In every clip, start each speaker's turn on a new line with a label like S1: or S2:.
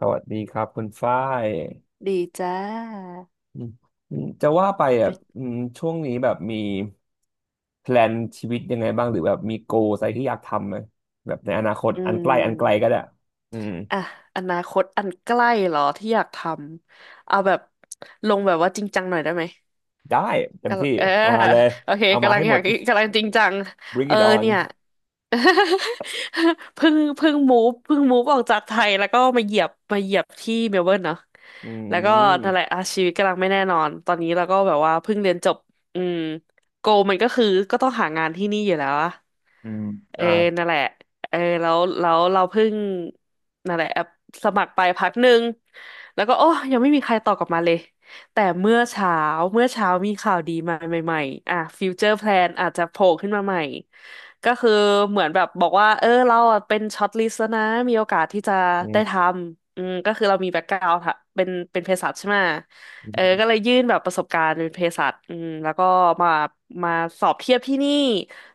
S1: สวัสดีครับคุณฝ้าย
S2: ดีจ้า
S1: อืมอืมจะว่าไปอ่ะ
S2: เป็น
S1: ช่วงนี้แบบมีแพลนชีวิตยังไงบ้างหรือแบบมีโกอะไรที่อยากทำไหมแบบในอนาคต
S2: อื
S1: อันใกล้อันไกลก็
S2: ม
S1: ได้อืม
S2: อ่ะอนาคตอันใกล้เหรอที่อยากทำเอาแบบลงแบบว่าจริงจังหน่อยได้ไหม
S1: ได้เต็ม
S2: กำลัง
S1: ที่เอามาเลย
S2: โอเค
S1: เอามา
S2: กำลั
S1: ให้
S2: งอ
S1: หม
S2: ยา
S1: ด
S2: กกำลังจริงจัง
S1: bring
S2: เออ
S1: it
S2: เนี่ย
S1: on
S2: เพิ่งมูฟออกจากไทยแล้วก็มาเหยียบที่เมลเบิร์นเนาะ
S1: อื
S2: แล้วก็นั่นแหละ
S1: ม
S2: อาชีวิตกำลังไม่แน่นอนตอนนี้เราก็แบบว่าเพิ่งเรียนจบอืมโกมันก็คือก็ต้องหางานที่นี่อยู่แล้วอะ
S1: อืม
S2: เออ
S1: อ่า
S2: นั่นแหละเออแล้วแล้วเราเพิ่งนั่นแหละแอปสมัครไปพักหนึ่งแล้วก็โอ้ยังไม่มีใครตอบกลับมาเลยแต่เมื่อเช้ามีข่าวดีมาใหม่ๆอ่ะฟิวเจอร์แพลนอาจจะโผล่ขึ้นมาใหม่ก็คือเหมือนแบบบอกว่าเออเราอะเป็นช็อตลิสต์แล้วนะมีโอกาสที่จะ
S1: อื
S2: ได้ท
S1: ม
S2: ำก็คือเรามีแบ็กกราวด์คเป็นเภสัชใช่ไหม
S1: อ
S2: เอ
S1: ม
S2: อก็เลยยื่นแบบประสบการณ์เป็นเภสัชแล้วก็มามาสอบเทียบที่นี่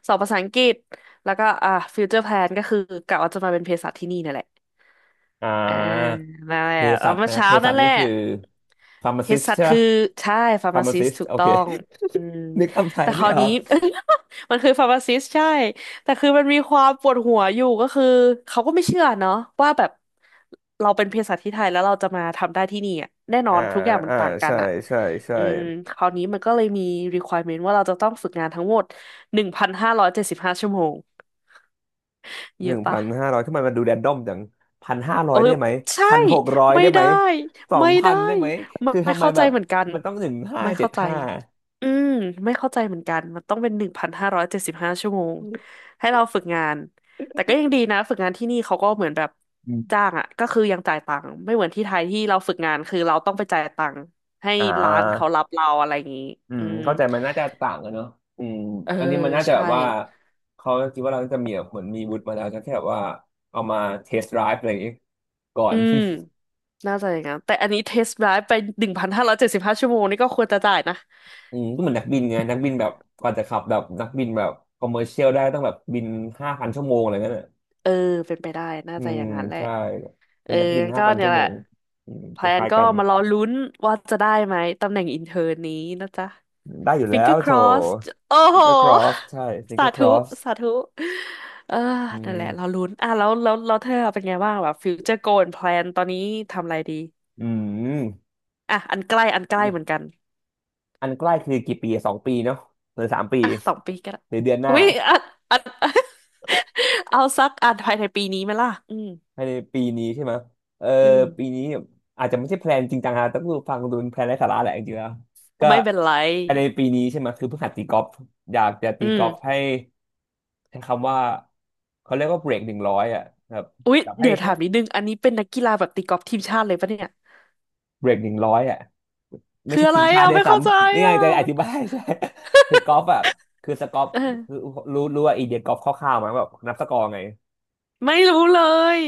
S2: สอบภาษาอังกฤษ แล้วก็ฟิวเจอร์แพลนก็คือกะว่าจะมาเป็นเภสัชที่นี่นั่นแหละ
S1: อ่
S2: อ่า
S1: า
S2: นั่นแห
S1: เภ
S2: ละแล้
S1: สั
S2: ว
S1: ช
S2: เมื่อ
S1: นะเภ
S2: เช้า
S1: สั
S2: นั่
S1: ช
S2: นแห
S1: นี่
S2: ละ
S1: คือ
S2: เภ
S1: pharmacist
S2: สัช
S1: ใช่ไหม
S2: คือใช่ฟาร์มาซิส
S1: pharmacist
S2: ถูก
S1: โอ
S2: ต้
S1: เค
S2: องอืม
S1: นึกคำไทย
S2: แต่ค
S1: ไม่
S2: ราว
S1: ออ
S2: นี้
S1: ก
S2: มันคือฟาร์มาซิสใช่แต่คือมันมีความปวดหัวอยู่ก็คือเขาก็ไม่เชื่อเนาะว่าแบบเราเป็นเภสัชที่ไทยแล้วเราจะมาทำได้ที่นี่อะแน่นอ
S1: อ่า
S2: นทุกอย่างมัน
S1: อ่า
S2: ต่างกัน
S1: ใช่
S2: อะ
S1: ใช่ใช่
S2: อืมคราวนี้มันก็เลยมี requirement ว่าเราจะต้องฝึกงานทั้งหมดหนึ่งพันห้าร้อยเจ็ดสิบห้าชั่วโมง
S1: ห
S2: เย
S1: นึ่
S2: อะ
S1: ง
S2: ปะ
S1: พันห้าร้อยทำไมมันดูแรนดอมจังพันห้าร้อ
S2: เอ
S1: ย
S2: อ
S1: ได้ไหม
S2: ใช่
S1: 1,600
S2: ไม่
S1: ได้ไหม
S2: ได้
S1: สอง
S2: ไม่
S1: พั
S2: ได้
S1: นได้ไหม
S2: ไม่
S1: คือ
S2: ไม่
S1: ทำไม
S2: เข้าใจ
S1: แบบ
S2: เหมือนกัน
S1: มันต้องหนึ่งห้า
S2: ไม่
S1: เจ็ด
S2: เข้าใจ
S1: ห้า
S2: อืมไม่เข้าใจเหมือนกันมันต้องเป็นหนึ่งพันห้าร้อยเจ็ดสิบห้าชั่วโมงให้เราฝึกงานแต่ก็ยังดีนะฝึกงานที่นี่เขาก็เหมือนแบบ
S1: อืม
S2: จ้างอ่ะก็คือยังจ่ายตังค์ไม่เหมือนที่ไทยที่เราฝึกงานคือเราต้องไปจ่ายตังค์ให้
S1: อ่
S2: ร้านเขา
S1: า
S2: รับเราอะไรอย่างนี้อืม
S1: เข้าใจมันน่าจะต่างกันเนอะอืม
S2: เออ
S1: อันนี้มันน่าจะแบ
S2: ใช่
S1: บว่าเขาคิดว่าเราจะมีแบบเหมือนมีวุฒิมาแล้วจะแค่แบบว่าเอามาเทส t d ไดรฟ์อะไรอย่างงี้ก่อ
S2: อื
S1: น
S2: มน่าจะอย่างนั้นแต่อันนี้เทสไดรฟ์ไปหนึ่งพันห้าร้อยเจ็ดสิบห้าชั่วโมงนี่ก็ควรจะจ่ายนะ
S1: ก็เหมือนนักบินไงนักบินแบบกว่าจะขับแบบนักบินแบบคอมเมอร์เชียลได้ต้องแบบบินห้าพันชั่วโมงอะไรเงี้ย
S2: เออเป็นไปได้น่า
S1: อื
S2: จะอ
S1: ม
S2: ย่างนั้นแหละ
S1: ใช่เป็
S2: เอ
S1: น
S2: อ
S1: นักบินห้า
S2: ก็
S1: พัน
S2: เนี่
S1: ชั่
S2: ย
S1: ว
S2: แห
S1: โม
S2: ละ
S1: งอืม
S2: แพ
S1: ค
S2: ลน
S1: ล้าย
S2: ก็
S1: ๆกัน
S2: มารอลุ้นว่าจะได้ไหมตำแหน่งอินเทอร์นี้นะจ๊ะ
S1: ได้อยู่แล้ว
S2: finger
S1: โถ
S2: cross โอ้
S1: ฟิ
S2: โห
S1: งเกอร์ครอสใช่ฟิงเก
S2: สา
S1: อร์คร
S2: ธุ
S1: อส
S2: สาธุเออ
S1: อื
S2: นั่น
S1: ม
S2: แหละรอลุ้นอ่ะแล้วเธอเป็นไงบ้างแบบฟิวเจอร์โกนแ l a นตอนนี้ทำอะไรดี
S1: อืม
S2: อ่ะอันใกล้เหมือนกัน
S1: อันใกล้คือกี่ปีสองปีเนาะหรือสามปี
S2: อ่ะสองปีก็ได้
S1: หรือเดือนหน้า
S2: อุ้ยอัน เอาสักอันภายในปีนี้ไหมล่ะอืม
S1: ภายในปีนี้ใช่ไหมเออ
S2: อืม
S1: ปีนี้อาจจะไม่ใช่แพลนจริงจังฮะต้องดูฟังดูเป็นแพลนไร้สาระแหละจริงๆแล้วก็
S2: ไม่เป็นไร
S1: ภายในปีนี้ใช่ไหมคือเพิ่งหัดตีกอล์ฟอยากจะตี
S2: อื
S1: กอล์ฟ
S2: ม
S1: ให้ใช้คำว่าเขาเรียกว่าเบรกหนึ่งร้อยอ่ะครับ
S2: อุ๊ย
S1: แบบให้
S2: เดี๋ยว
S1: ให้
S2: ถามนิดนึงอันนี้เป็นนักกีฬาแบบตีกอล์ฟทีมชาติเลยปะเนี่ย
S1: เบรก100อ่ะไม่
S2: คือ
S1: ใช่
S2: อะ
S1: ที
S2: ไร
S1: มชา
S2: อ่ะ
S1: ติด้วย
S2: ไม่
S1: ซ้
S2: เข้าใจ
S1: ำนี่ไง
S2: อ่ะ
S1: จะอธิบาย ใช่คือกอล์ฟอ่ะคือสกอร์
S2: เอ
S1: คือ
S2: อ
S1: รู้ว่าไอเดียกอล์ฟคร่าวๆมาแบบนับสกอร์ไง
S2: ไม่รู้เลย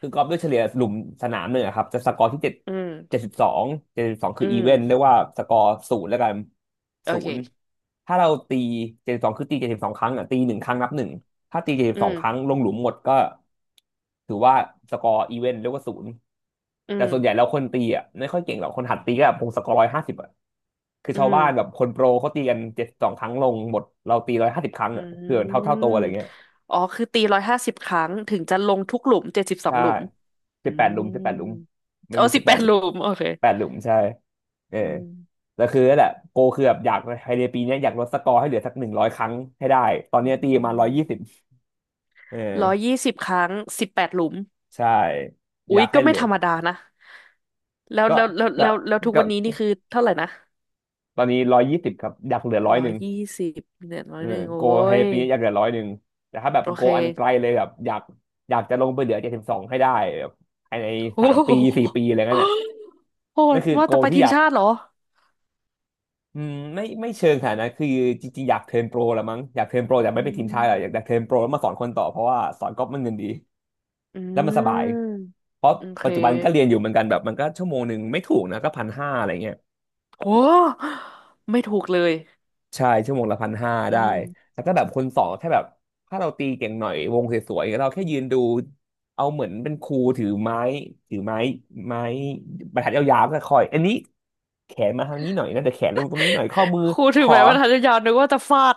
S1: คือกอล์ฟด้วยเฉลี่ยหลุมสนามหนึ่งอะครับจะสกอร์ที่เจ็ด
S2: อื
S1: เจ็
S2: ม
S1: ดสิบสองเจ็ดสิบสองคื
S2: อื
S1: ออี
S2: ม
S1: เวนเรียกว่าสกอร์ศูนย์แล้วกัน
S2: โอ
S1: ศู
S2: เค
S1: นย์ถ้าเราตีเจ็ดสิบสองคือตีเจ็ดสิบสองครั้งอ่ะตีหนึ่งครั้งนับหนึ่งถ้าตีเจ็ดสิบ
S2: อื
S1: สองครั้ง
S2: ม
S1: ลงหลุมหมดก็ถือว่าสกอร์อีเวนเรียกว่าศูนย์
S2: อื
S1: แต่
S2: ม
S1: ส่วนใหญ่แล้วคนตีอ่ะไม่ค่อยเก่งหรอกคนหัดตีก็แบบพงศกรร้อยห้าสิบอ่ะคือ
S2: อื
S1: ชาว
S2: ม
S1: บ้านแบบคนโปรเขาตีกัน72ครั้งลงหมดเราตีร้อยห้าสิบครั้ง
S2: อื
S1: อ่ะคือเท่า
S2: ม
S1: เท่าตัวอะไรเงี้ย
S2: อ๋อคือตีร้อยห้าสิบครั้งถึงจะลงทุกหลุมเจ็ดสิบสอง
S1: ใช่
S2: หลุมอื
S1: สิบแปดหลุ
S2: ม
S1: มสิบแปดหลุมมัน
S2: อ๋อ
S1: มี
S2: สิ
S1: สิ
S2: บ
S1: บแป
S2: แป
S1: ด
S2: ดหลุมโอเค
S1: แปดหลุมใช่เออ
S2: อืม
S1: แต่คือนั่นแหละโกคือแบบอยากภายในปีเนี้ยอยากลดสกอร์ให้เหลือสัก100 ครั้งให้ได้ตอน
S2: อื
S1: เนี้ยตีมา
S2: ม
S1: ร้อยยี่สิบเอ
S2: ร้อย
S1: อ
S2: ยี่สิบครั้งสิบแปดหลุม
S1: ใช่อ
S2: อุ๊
S1: ยา
S2: ย
S1: กให้
S2: ก็
S1: เห
S2: ไม่
S1: ลือ
S2: ธรรมดานะแล้ว
S1: ก็
S2: แล้วแล้ว
S1: ก็
S2: แล้วแล้วทุก
S1: ก็
S2: วันนี้นี่คือเท่าไหร่นะ
S1: ตอนนี้ร้อยยี่สิบครับอยากเหลือร้อย
S2: ร้อ
S1: ห
S2: ย
S1: นึ่ง
S2: ยี่สิบเนี่ยร้อ
S1: เอ
S2: ย
S1: อ
S2: หนึ่งโอ้
S1: โกให้
S2: ย
S1: ปีอยากเหลือร้อยหนึ่งแต่ถ้าแบบ
S2: โอ
S1: โก
S2: เค
S1: อันไกลเลยแบบอยากจะลงไปเหลือเจ็ดสิบสองให้ได้แบบภายใน
S2: โอ้
S1: 3 ปี 4 ปี
S2: โห
S1: อะไรเงี้ยน่ะ
S2: โห
S1: นั่
S2: ด
S1: นคือ
S2: ว่า
S1: โก
S2: แต่ไป
S1: ที่
S2: ที
S1: อ
S2: ม
S1: ยาก
S2: ชาติเหรอ
S1: อืมไม่เชิงขนาดนั้นคือจริงๆอยากเทิร์นโปรละมั้งอยากเทิร์นโปรแต่ไม่
S2: อื
S1: เป็นทีมชาติหรอกอยากเทิ
S2: ม
S1: ร์นโปรแล้วมาสอนคนต่อเพราะว่าสอนก๊อฟมันเงินดี
S2: อื
S1: แล้วมันสบาย
S2: ม
S1: เพราะ
S2: โอเค
S1: ปัจจุบันก็เรียนอยู่เหมือนกันแบบมันก็ชั่วโมงหนึ่งไม่ถูกนะก็พันห้าอะไรเงี้ย
S2: โอ้ไม่ถูกเลย
S1: ใช่ชั่วโมงละพันห้า
S2: อื
S1: ได้
S2: ม
S1: แล้วก็แบบคนสองแค่แบบถ้าเราตีเก่งหน่อยวงสวยๆเราแค่ยืนดูเอาเหมือนเป็นครูถือไม้ถือไม้ไม้บรรทัดยาวๆก็คอยอันนี้แขนมาทางนี้หน่อยนะเดี๋ยวแขนลงตรงนี้หน่อย
S2: ครู
S1: ข
S2: ถึง
S1: อ
S2: แม้ว่าทันยาวๆนึกว่าจะฟาด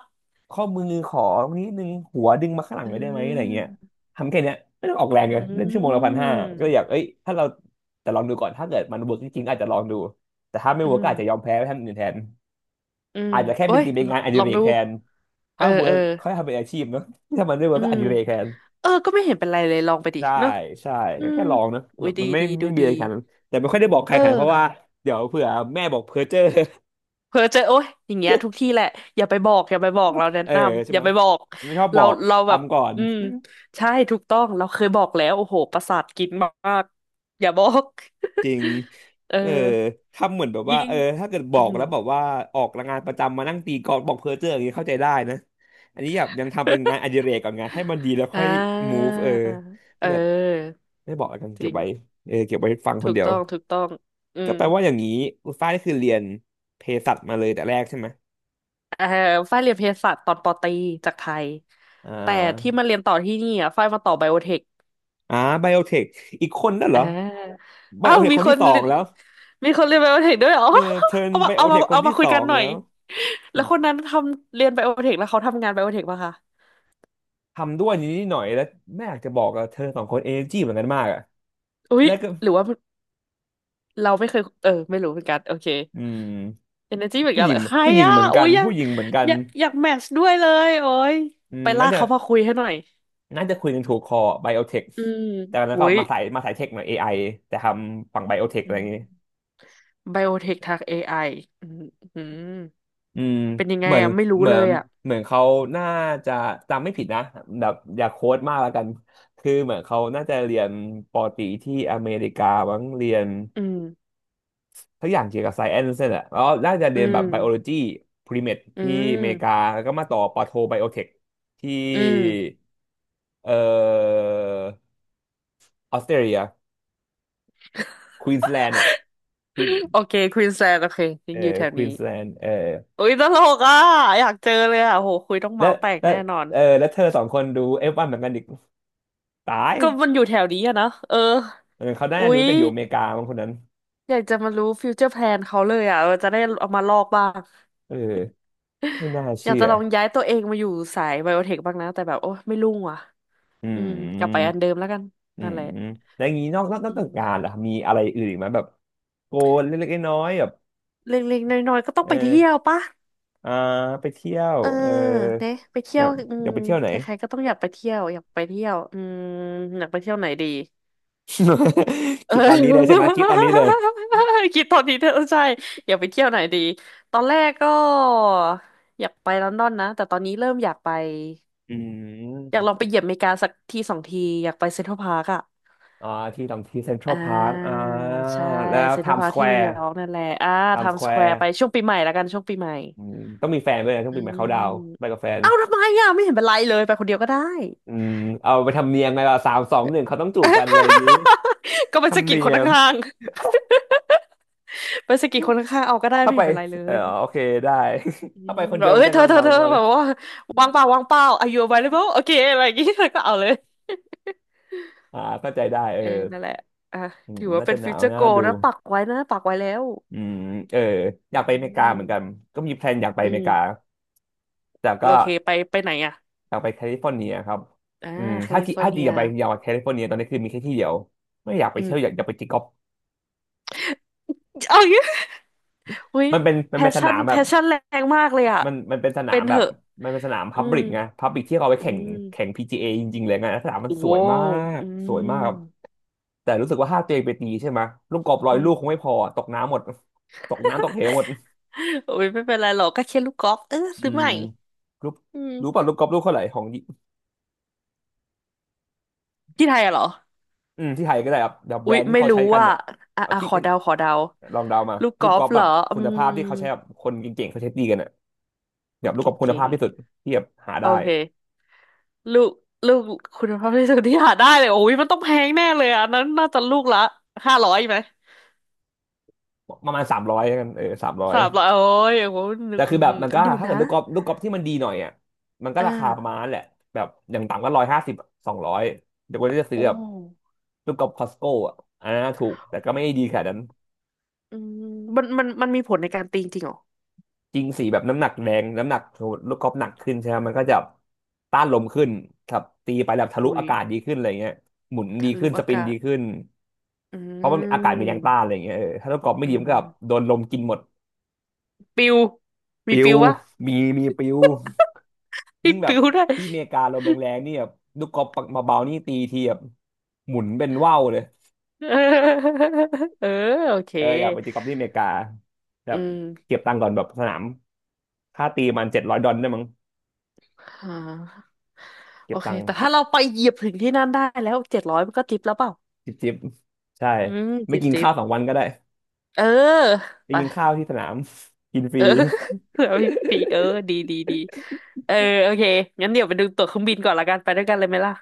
S1: ข้อมือขอตรงน้ดนึงหัวดึงมาข้างหลัง
S2: อื
S1: เลยได้ไหมอะไรเงี้ย
S2: ม
S1: ทำแค่เนี้ยไม่ต้องออกแรง
S2: อื
S1: เลยเล่นชั่วโมงละพันห้าก็อยาก
S2: ม
S1: เอ้ยถ้าเราแต่ลองดูก่อนถ้าเกิดมันเวิร์กจริงๆอาจจะลองดูแต่ถ้าไม่
S2: อื
S1: เวิร์กก็
S2: ม
S1: อาจจะยอมแพ้ไปท่านอื่นแทน
S2: อืม
S1: อาจจะแค่
S2: โอ้
S1: เป็น
S2: ย
S1: ตีเป็น
S2: ล
S1: งานอดิ
S2: ลอง
S1: เรก
S2: ดู
S1: แทน
S2: เออ
S1: ถ้าเวิ
S2: เออ
S1: ร์กค่อยทำเป็นอาชีพเนอะถ้ามันไม่เวิ
S2: อื
S1: ร์กก็อ
S2: ม
S1: ดิเรกแทน
S2: เออก็ไม่เห็นเป็นไรเลยลองไปดิ
S1: ใช่
S2: เนาะ
S1: ใช่
S2: อื
S1: ก็
S2: ม
S1: แค่ลองนะ
S2: อุ้
S1: แบ
S2: ย
S1: บ
S2: ดี
S1: มันไม่
S2: ดีดู
S1: ไม่มี
S2: ดี
S1: อะไรขนาดนั้นแต่ไม่ค่อยได้บอกใคร
S2: เอ
S1: ขนาดนั้นเพราะว่า
S2: อ
S1: เดี๋ยวเผื่อแม่บอกเพ้อเจ้อ
S2: เพ้อเจอโอ๊ยอย่างเงี้ยทุกที่แหละอย่าไปบอกเราแนะ
S1: เออ
S2: นำ
S1: ใช่
S2: อย่า
S1: ไหม
S2: ไปบอก
S1: ไม่ชอบบอก
S2: เราแบบ
S1: ทำก่อน
S2: อืมใช่ถูกต้องเราเคยบอกแล้วโอ้โหประสาทกินมากอย่าบอก
S1: จริง
S2: เออ
S1: เออทำเหมือนแบบว่า
S2: ยิ่
S1: เอ
S2: ง
S1: อถ้าเกิดบ
S2: อื
S1: อก
S2: ม
S1: แล้วบอกว่าออกงานประจำมานั่งตีกลองบอกเพ้อเจ้ออย่างนี้เข้าใจได้นะอันนี้แบบยังทำเป็นงานอ ดิเรกก่อนไงให้มันดีแล้ว
S2: อ่
S1: ค่อย
S2: า
S1: move เออ
S2: เ
S1: ก็แบบ
S2: ออ
S1: ไม่บอกแล้วกัน
S2: จ
S1: เก็บ
S2: ริง
S1: ไว้เออเก็บไว้ฟังค
S2: ถู
S1: น
S2: ก
S1: เดียว
S2: ต้องถูกต้องอื
S1: ก็
S2: ม
S1: แปลว่าอย่างนี้อุลฟ้านี่คือเรียนเภสัชมาเลยแต่แรกใช่ไหม
S2: เออฝ้ายเรียนเภสัชตอนปอตรีจากไทย
S1: อ่
S2: แต่ที่
S1: า
S2: มาเรียนต่อที่นี่อ่ะฝ้ายมาต่อไบโอเทค
S1: อ่าไบโอเทคอีกคนนั่นเหร
S2: อ่
S1: อ
S2: า
S1: ไบ
S2: อ้า
S1: โอ
S2: ว
S1: เทค
S2: มี
S1: คน
S2: ค
S1: ที่
S2: น
S1: สอ
S2: เรี
S1: ง
S2: ยน
S1: แล้ว
S2: ไบโอเทคด้วยเหรอ
S1: เออเทิร์ น
S2: เอา
S1: ไบ
S2: มา
S1: โอ
S2: เอา
S1: เท
S2: มา
S1: คคน
S2: เอามา
S1: ที่
S2: คุ
S1: ส
S2: ย
S1: อ
S2: กัน
S1: ง
S2: หน่อ
S1: แล้
S2: ย
S1: วอื
S2: แล้ว
S1: ม
S2: คนนั้นทำเรียนไบโอเทคแล้วเขาทำงานไบโอเทคป่ะคะ
S1: ทำด้วยนี้หน่อยแล้วแม่อยากจะบอกอะเธอสองคนเอเนจีเหมือนกันมากอะ
S2: อุ๊ย
S1: แล้วก็
S2: หรือว่าเราไม่เคยไม่รู้เหมือนกันโอเค
S1: อืม
S2: เอเนอร์จีเหมือน
S1: ผู้
S2: กั
S1: ห
S2: นเห
S1: ญิ
S2: ร
S1: ง
S2: อใคร
S1: ผู้หญิง
S2: อ่ะ
S1: เหมือน
S2: อุ๊
S1: กัน
S2: ยอยาก
S1: ผู้หญิงเหมือนกัน
S2: อยากอยากแมทช์ด้วยเลยโอ้ย
S1: อื
S2: ไป
S1: มน่า
S2: ลาก
S1: จะ
S2: เขามาคุยให้หน่อย
S1: น่าจะคุยกันถูกคอไบโอเทค
S2: อืม
S1: แต่แล้ว
S2: อุ๊
S1: ก็
S2: ย
S1: มาสายเทคหน่อย AI แต่ทำฝั่งไบโอเทคอะไรอย่างงี้
S2: ไบโอเทคทาง AI อไออืมอืม
S1: อืม
S2: เป็นยังไง
S1: เหมือน
S2: อ่ะไม่รู้
S1: เหมื
S2: เล
S1: อน
S2: ยอ่ะ
S1: เหมือนเขาน่าจะจำไม่ผิดนะแบบอย่าโค้ดมากแล้วกันคือเหมือนเขาน่าจะเรียนปอตรีที่อเมริกาบ้างเรียน
S2: อืม
S1: ทุกอย่างเกี่ยวกับไซเอนซ์เนี่ยแหละแล้วน่าจะเรี
S2: อื
S1: ยนแบบ
S2: ม
S1: ไบโอโลจีพรีเม e
S2: อื
S1: ที่อเมริกา
S2: ม
S1: แล้วก็มาต่อปอโทไบโอเทคที่
S2: อืม
S1: เอ่อออสเตรเลียควีนสแลนด์อ่ะควีน
S2: โอเคควีนแลนด์โอเคยัง
S1: เอ่อ
S2: อยู่แถว
S1: ควี
S2: นี้
S1: นสแลนด์
S2: อุ้ยตลกอ่ะอยากเจอเลยอ่ะโหคุยต้อง
S1: และ
S2: เมาส์แตก
S1: และ
S2: แน่นอน
S1: เออแล้วเธอสองคนดูเอฟวันเหมือนกันอีกตาย
S2: ก็มันอยู่แถวนี้อะนะเออ
S1: เออเขาน่า
S2: อุ้
S1: จะรู้
S2: ย
S1: แต่อยู่อเมริกาบางคนนั้น
S2: อยากจะมารู้ฟิวเจอร์แพลนเขาเลยอ่ะเออจะได้เอามาลอกบ้าง
S1: เออไม่น่า
S2: อยาก
S1: เชื่อ
S2: จะลองย้ายตัวเองมาอยู่สายไบโอเทคบ้างนะแต่แบบโอ้ไม่รุ่งว่ะ
S1: อื
S2: อืมกลับไป
S1: ม
S2: อันเดิมแล้วกัน
S1: อื
S2: นั่น
S1: ม
S2: แหละ
S1: อืมแล้วอย่างนี้นอก
S2: อื
S1: จากงาน
S2: ม
S1: ล่ะมีอะไรอื่นอีกไหมแบบโกนเล็กๆน้อยๆแบบ
S2: เล็กๆน้อยๆก็ต้อง
S1: เอ
S2: ไปเที่ยว
S1: อ
S2: ปะ
S1: อ่าไปเที่ยว
S2: เออ
S1: เออ
S2: เนี่ยไป
S1: อ
S2: เที่ย
S1: ยา
S2: ว
S1: ก
S2: อื
S1: อ
S2: ม
S1: ยากไปเที่ยวไหน
S2: ใครๆก็ต้องอยากไปเที่ยวอยากไปเที่ยวอืมอยากไปเที่ยวไหนดี เอ
S1: คิดตอนนี้เลยใช่ไห
S2: อ
S1: มคิดตอนนี้เลย
S2: คิดตอนนี้เธออใช่อยากไปเที่ยวไหนดีตอนแรกก็อยากไปลอนดอนนะแต่ตอนนี้เริ่มอยากไป
S1: อื
S2: อยาก
S1: ม
S2: ลองไปเหยียบอเมริกาสักทีสองทีอยากไปเซ็นทรัลพาร์คอะ
S1: อ่าที่ตรงที่เซ็นทรั
S2: อ่
S1: ลพาร์ค
S2: า
S1: อ่า
S2: ใช่
S1: แล้ว
S2: เซ็น
S1: ไท
S2: ทรัล
S1: ม์
S2: พา
S1: ส
S2: ร์ค
S1: แคว
S2: ที่นิว
S1: ร์
S2: ยอร์กนั่นแหละอ่า
S1: ไท
S2: ไท
S1: ม์ส
S2: ม์
S1: แค
S2: ส
S1: ว
S2: แคว
S1: ร์
S2: ร์ไปช่วงปีใหม่ละกันช่วงปีใหม่
S1: อืมต้องมีแฟนด้วยนะต้อง
S2: อื
S1: ไปมาเขาดาวน์ไป
S2: ม
S1: กับแฟน
S2: เอ้าทำไมอ่ะไม่เห็นเป็นไรเลยไปคนเดียวก็ได้
S1: อืมเอาไปทำเนียมไงล่ะ3 2 1เขาต้องจูบกันเลยอย่างงี้
S2: ก็ไปสะ
S1: ทำ
S2: กิด
S1: เนี
S2: คน
S1: ยม
S2: ข้างๆไปสะกิดคนข้างๆเอาก็ได้
S1: ถ้า
S2: ไม่
S1: ไป
S2: เห็นเป็นไรเล
S1: เออ
S2: ย
S1: โอเคได้
S2: อื
S1: ถ้าไป
S2: ม
S1: คน
S2: แบ
S1: เดีย
S2: บ
S1: วมั
S2: เอ้
S1: น
S2: ย
S1: จะ
S2: เธอ
S1: เงา
S2: เธอ
S1: เงา
S2: เธอ
S1: ๆกว่าเล
S2: แบ
S1: ย
S2: บว่าวางเปล่าวางเปล่า Are you available โอเคอะไรอย่างงี้ เธอก็เอาเลย
S1: อ่าเข้าใจได้เออ
S2: เออนั่นแหละอ่ะถือว่า
S1: น่า
S2: เป็
S1: จะ
S2: น
S1: ห
S2: ฟิ
S1: นา
S2: ว
S1: ว
S2: เจอร์โก
S1: น่าดู
S2: นะปักไว้นะปักไว้แล้ว
S1: อืมเอออ
S2: อื
S1: ยากไปอเมริกาเหมือนกัน
S2: ม
S1: ก็มีแพลนอยากไป
S2: อื
S1: อเมริกา
S2: ม
S1: แต่
S2: โอ
S1: ก็
S2: เคไปไหนอ่ะ
S1: อยากไปแคลิฟอร์เนียครับ
S2: อ่า
S1: อืม
S2: แค
S1: ถ้า
S2: ลิ
S1: ที่
S2: ฟอ
S1: อา
S2: ร์
S1: จ
S2: เนี
S1: จะอ
S2: ย
S1: ยากไปอยากไปแคลิฟอร์เนียตอนนี้คือมีแค่ที่เดียวไม่อยากไป
S2: อืม
S1: เที่ยวอยากไปตีกอล์ฟ
S2: เอาอย่างงี้เฮ้ย
S1: มันเป็นมั
S2: แพ
S1: นเป็
S2: ช
S1: นส
S2: ชั่
S1: นา
S2: น
S1: ม
S2: แพ
S1: แบบ
S2: ชชั่นแรงมากเลยอ่ะ
S1: มันเป็นสนา
S2: เป็
S1: ม
S2: น
S1: แบ
S2: เถ
S1: บ
S2: อะ
S1: มันเป็นสนาม
S2: อื
S1: พับ
S2: ม
S1: ลิกไงพับลิกที่เขาเอาไป
S2: อื
S1: แข่ง
S2: ม
S1: แข่ง PGA จเอจริงๆเลยไงสนามมันส
S2: โว้
S1: วยมา
S2: ว
S1: ก
S2: อื
S1: สวยมาก
S2: ม
S1: แต่รู้สึกว่าถ้าตัวเองไปตีใช่ไหมลูกกอล์ฟร้อ
S2: อื
S1: ย
S2: ม
S1: ลูกคงไม่พอตกน้ำหมดตกน้ำตกเหวหมด
S2: โอ้ยไม่เป็นไรหรอกก็แค่ลูกกอล์ฟเออ
S1: อื
S2: ซื้อให
S1: ม
S2: ม่
S1: รู้
S2: อื
S1: รู้
S2: ม
S1: ป่ะลูกกอล์ฟลูกเท่าไหร่ของ
S2: ที่ไทยอะเหรอ
S1: อืมที่ไทยก็ได้ครับเดี๋ยวแบ
S2: อุ๊
S1: ร
S2: ย
S1: นด์ที่
S2: ไม่
S1: เขา
S2: รู้
S1: ใช้กัน
S2: ว่า
S1: เนี่ย
S2: อ่ะ
S1: เอา
S2: อ่ะ
S1: ที่
S2: ขอ
S1: เป็น
S2: เดาขอเดา
S1: ลองเดามา
S2: ลูกก
S1: ลูก
S2: อ
S1: ก
S2: ล์
S1: อ
S2: ฟ
S1: ล์ฟ
S2: เห
S1: แบ
S2: ร
S1: บ
S2: ออื
S1: คุณ
S2: ม
S1: ภาพที่เขาใช้แบบคนเก่งๆเขาใช้ตีกันอ่ะ
S2: ค
S1: แบบ
S2: น
S1: ลูกกอล์ฟคุณ
S2: เก่
S1: ภา
S2: ง
S1: พที่สุดที่แบบหา
S2: ๆโอ
S1: ได้
S2: เคลูกลูกคุณภาพที่สุดที่หาได้เลยโอ้ยมันต้องแพงแน่เลยอะอันนั้นน่าจะลูกละ500ไหม
S1: ประมาณสามร้อยกันเออสามร้อย
S2: 300โอ้ยโอ้โหนึ
S1: แต่
S2: ก
S1: คือ
S2: อื้อ
S1: แบบ
S2: หือ
S1: มันก็
S2: เดี๋ยว
S1: ถ้าเกิ
S2: นะ
S1: ดลูกกอล์ฟที่มันดีหน่อยอ่ะมันก็ราคาประ
S2: อ่า
S1: มาณนั้นแหละแบบอย่างต่ำก็150200เดี๋ยวคนที่จะซื้อ
S2: โอ้
S1: แบบลูกกอล์ฟคอสโก้อ่ะอันนั้นถูกแต่ก็ไม่ได้ดีขนาดนั้น
S2: อืมมันมีผลในการตีจริงเหรอ
S1: จริงสีแบบน้ำหนักแรงน้ำหนักลูกกอล์ฟหนักขึ้นใช่ไหมมันก็จะต้านลมขึ้นครับตีไปแบบทะลุ
S2: อุ้ย
S1: อากาศดีขึ้นอะไรเงี้ยหมุนดี
S2: ทะ
S1: ขึ้
S2: ลุ
S1: นส
S2: อา
S1: ปิน
S2: กา
S1: ดี
S2: ศ
S1: ขึ้น
S2: อื
S1: เพราะมันอากาศมันยังต้านอะ
S2: ม
S1: ไรเงี้ยเออถ้าลูกกอล์ฟไม่
S2: อื
S1: ดีมันก็แบบ
S2: ม
S1: โดนลมกินหมด
S2: ปิวมี
S1: ปิว
S2: ปิวปะ
S1: มีปิว
S2: มี
S1: ยิ่งแบบ
S2: ปิวได้วย
S1: ที่อเมริกาลมแรงๆนี่แบบลูกกอล์ฟปักมาเบาๆนี่ตีทีแบบหมุนเป็นว่าวเลย
S2: เออเออโอเค
S1: เอออยากไปตีกอล์ฟที่อเมริกาแบ
S2: อื
S1: บ
S2: ม
S1: เก็บตังค์ก่อนแบบสนามค่าตีมัน700 ดอลลาร์ได้มั้ง
S2: อ่า
S1: เก็
S2: โอ
S1: บ
S2: เค
S1: ตังค์
S2: แต่ถ้าเราไปเหยียบถึงที่นั่นได้แล้ว700มันก็ทิปแล้วเปล่า
S1: จิบจิบใช่
S2: อืม
S1: ไม่
S2: จิบ
S1: กิน
S2: จิบ
S1: ข้าว2 วันก็ได้
S2: เออ
S1: ไป
S2: ไป
S1: กินข้าวที่สนาม กินฟ
S2: เอ
S1: รี
S2: อ แล้วพี่ปีเออดีเออโอเคงั้นเดี๋ยวไปดูตั๋วเครื่องบินก่อนละกันไปด้วยกันเลยไหมล่ะ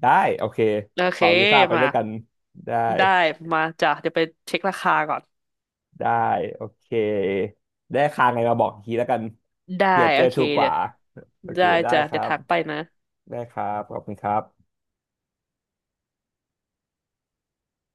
S1: ได้โอเค
S2: โอ
S1: ข
S2: เค
S1: อวีซ่าไป
S2: มา
S1: ด้วยกันได้
S2: ได้มาจ้ะเดี๋ยวไปเช็คราคาก่อน
S1: ได้โอเคได้ค่าไงมาบอกอีกทีแล้วกัน
S2: ได้
S1: เผื่อเจ
S2: โอ
S1: อ
S2: เค
S1: ถูกก
S2: เดี๋
S1: ว่า
S2: ยว
S1: โอเค
S2: ได้
S1: ได้
S2: จ้ะ
S1: ค
S2: เดี๋
S1: รั
S2: ยว
S1: บ
S2: ทักไปนะ
S1: ได้ครับ ขอบคุณครับ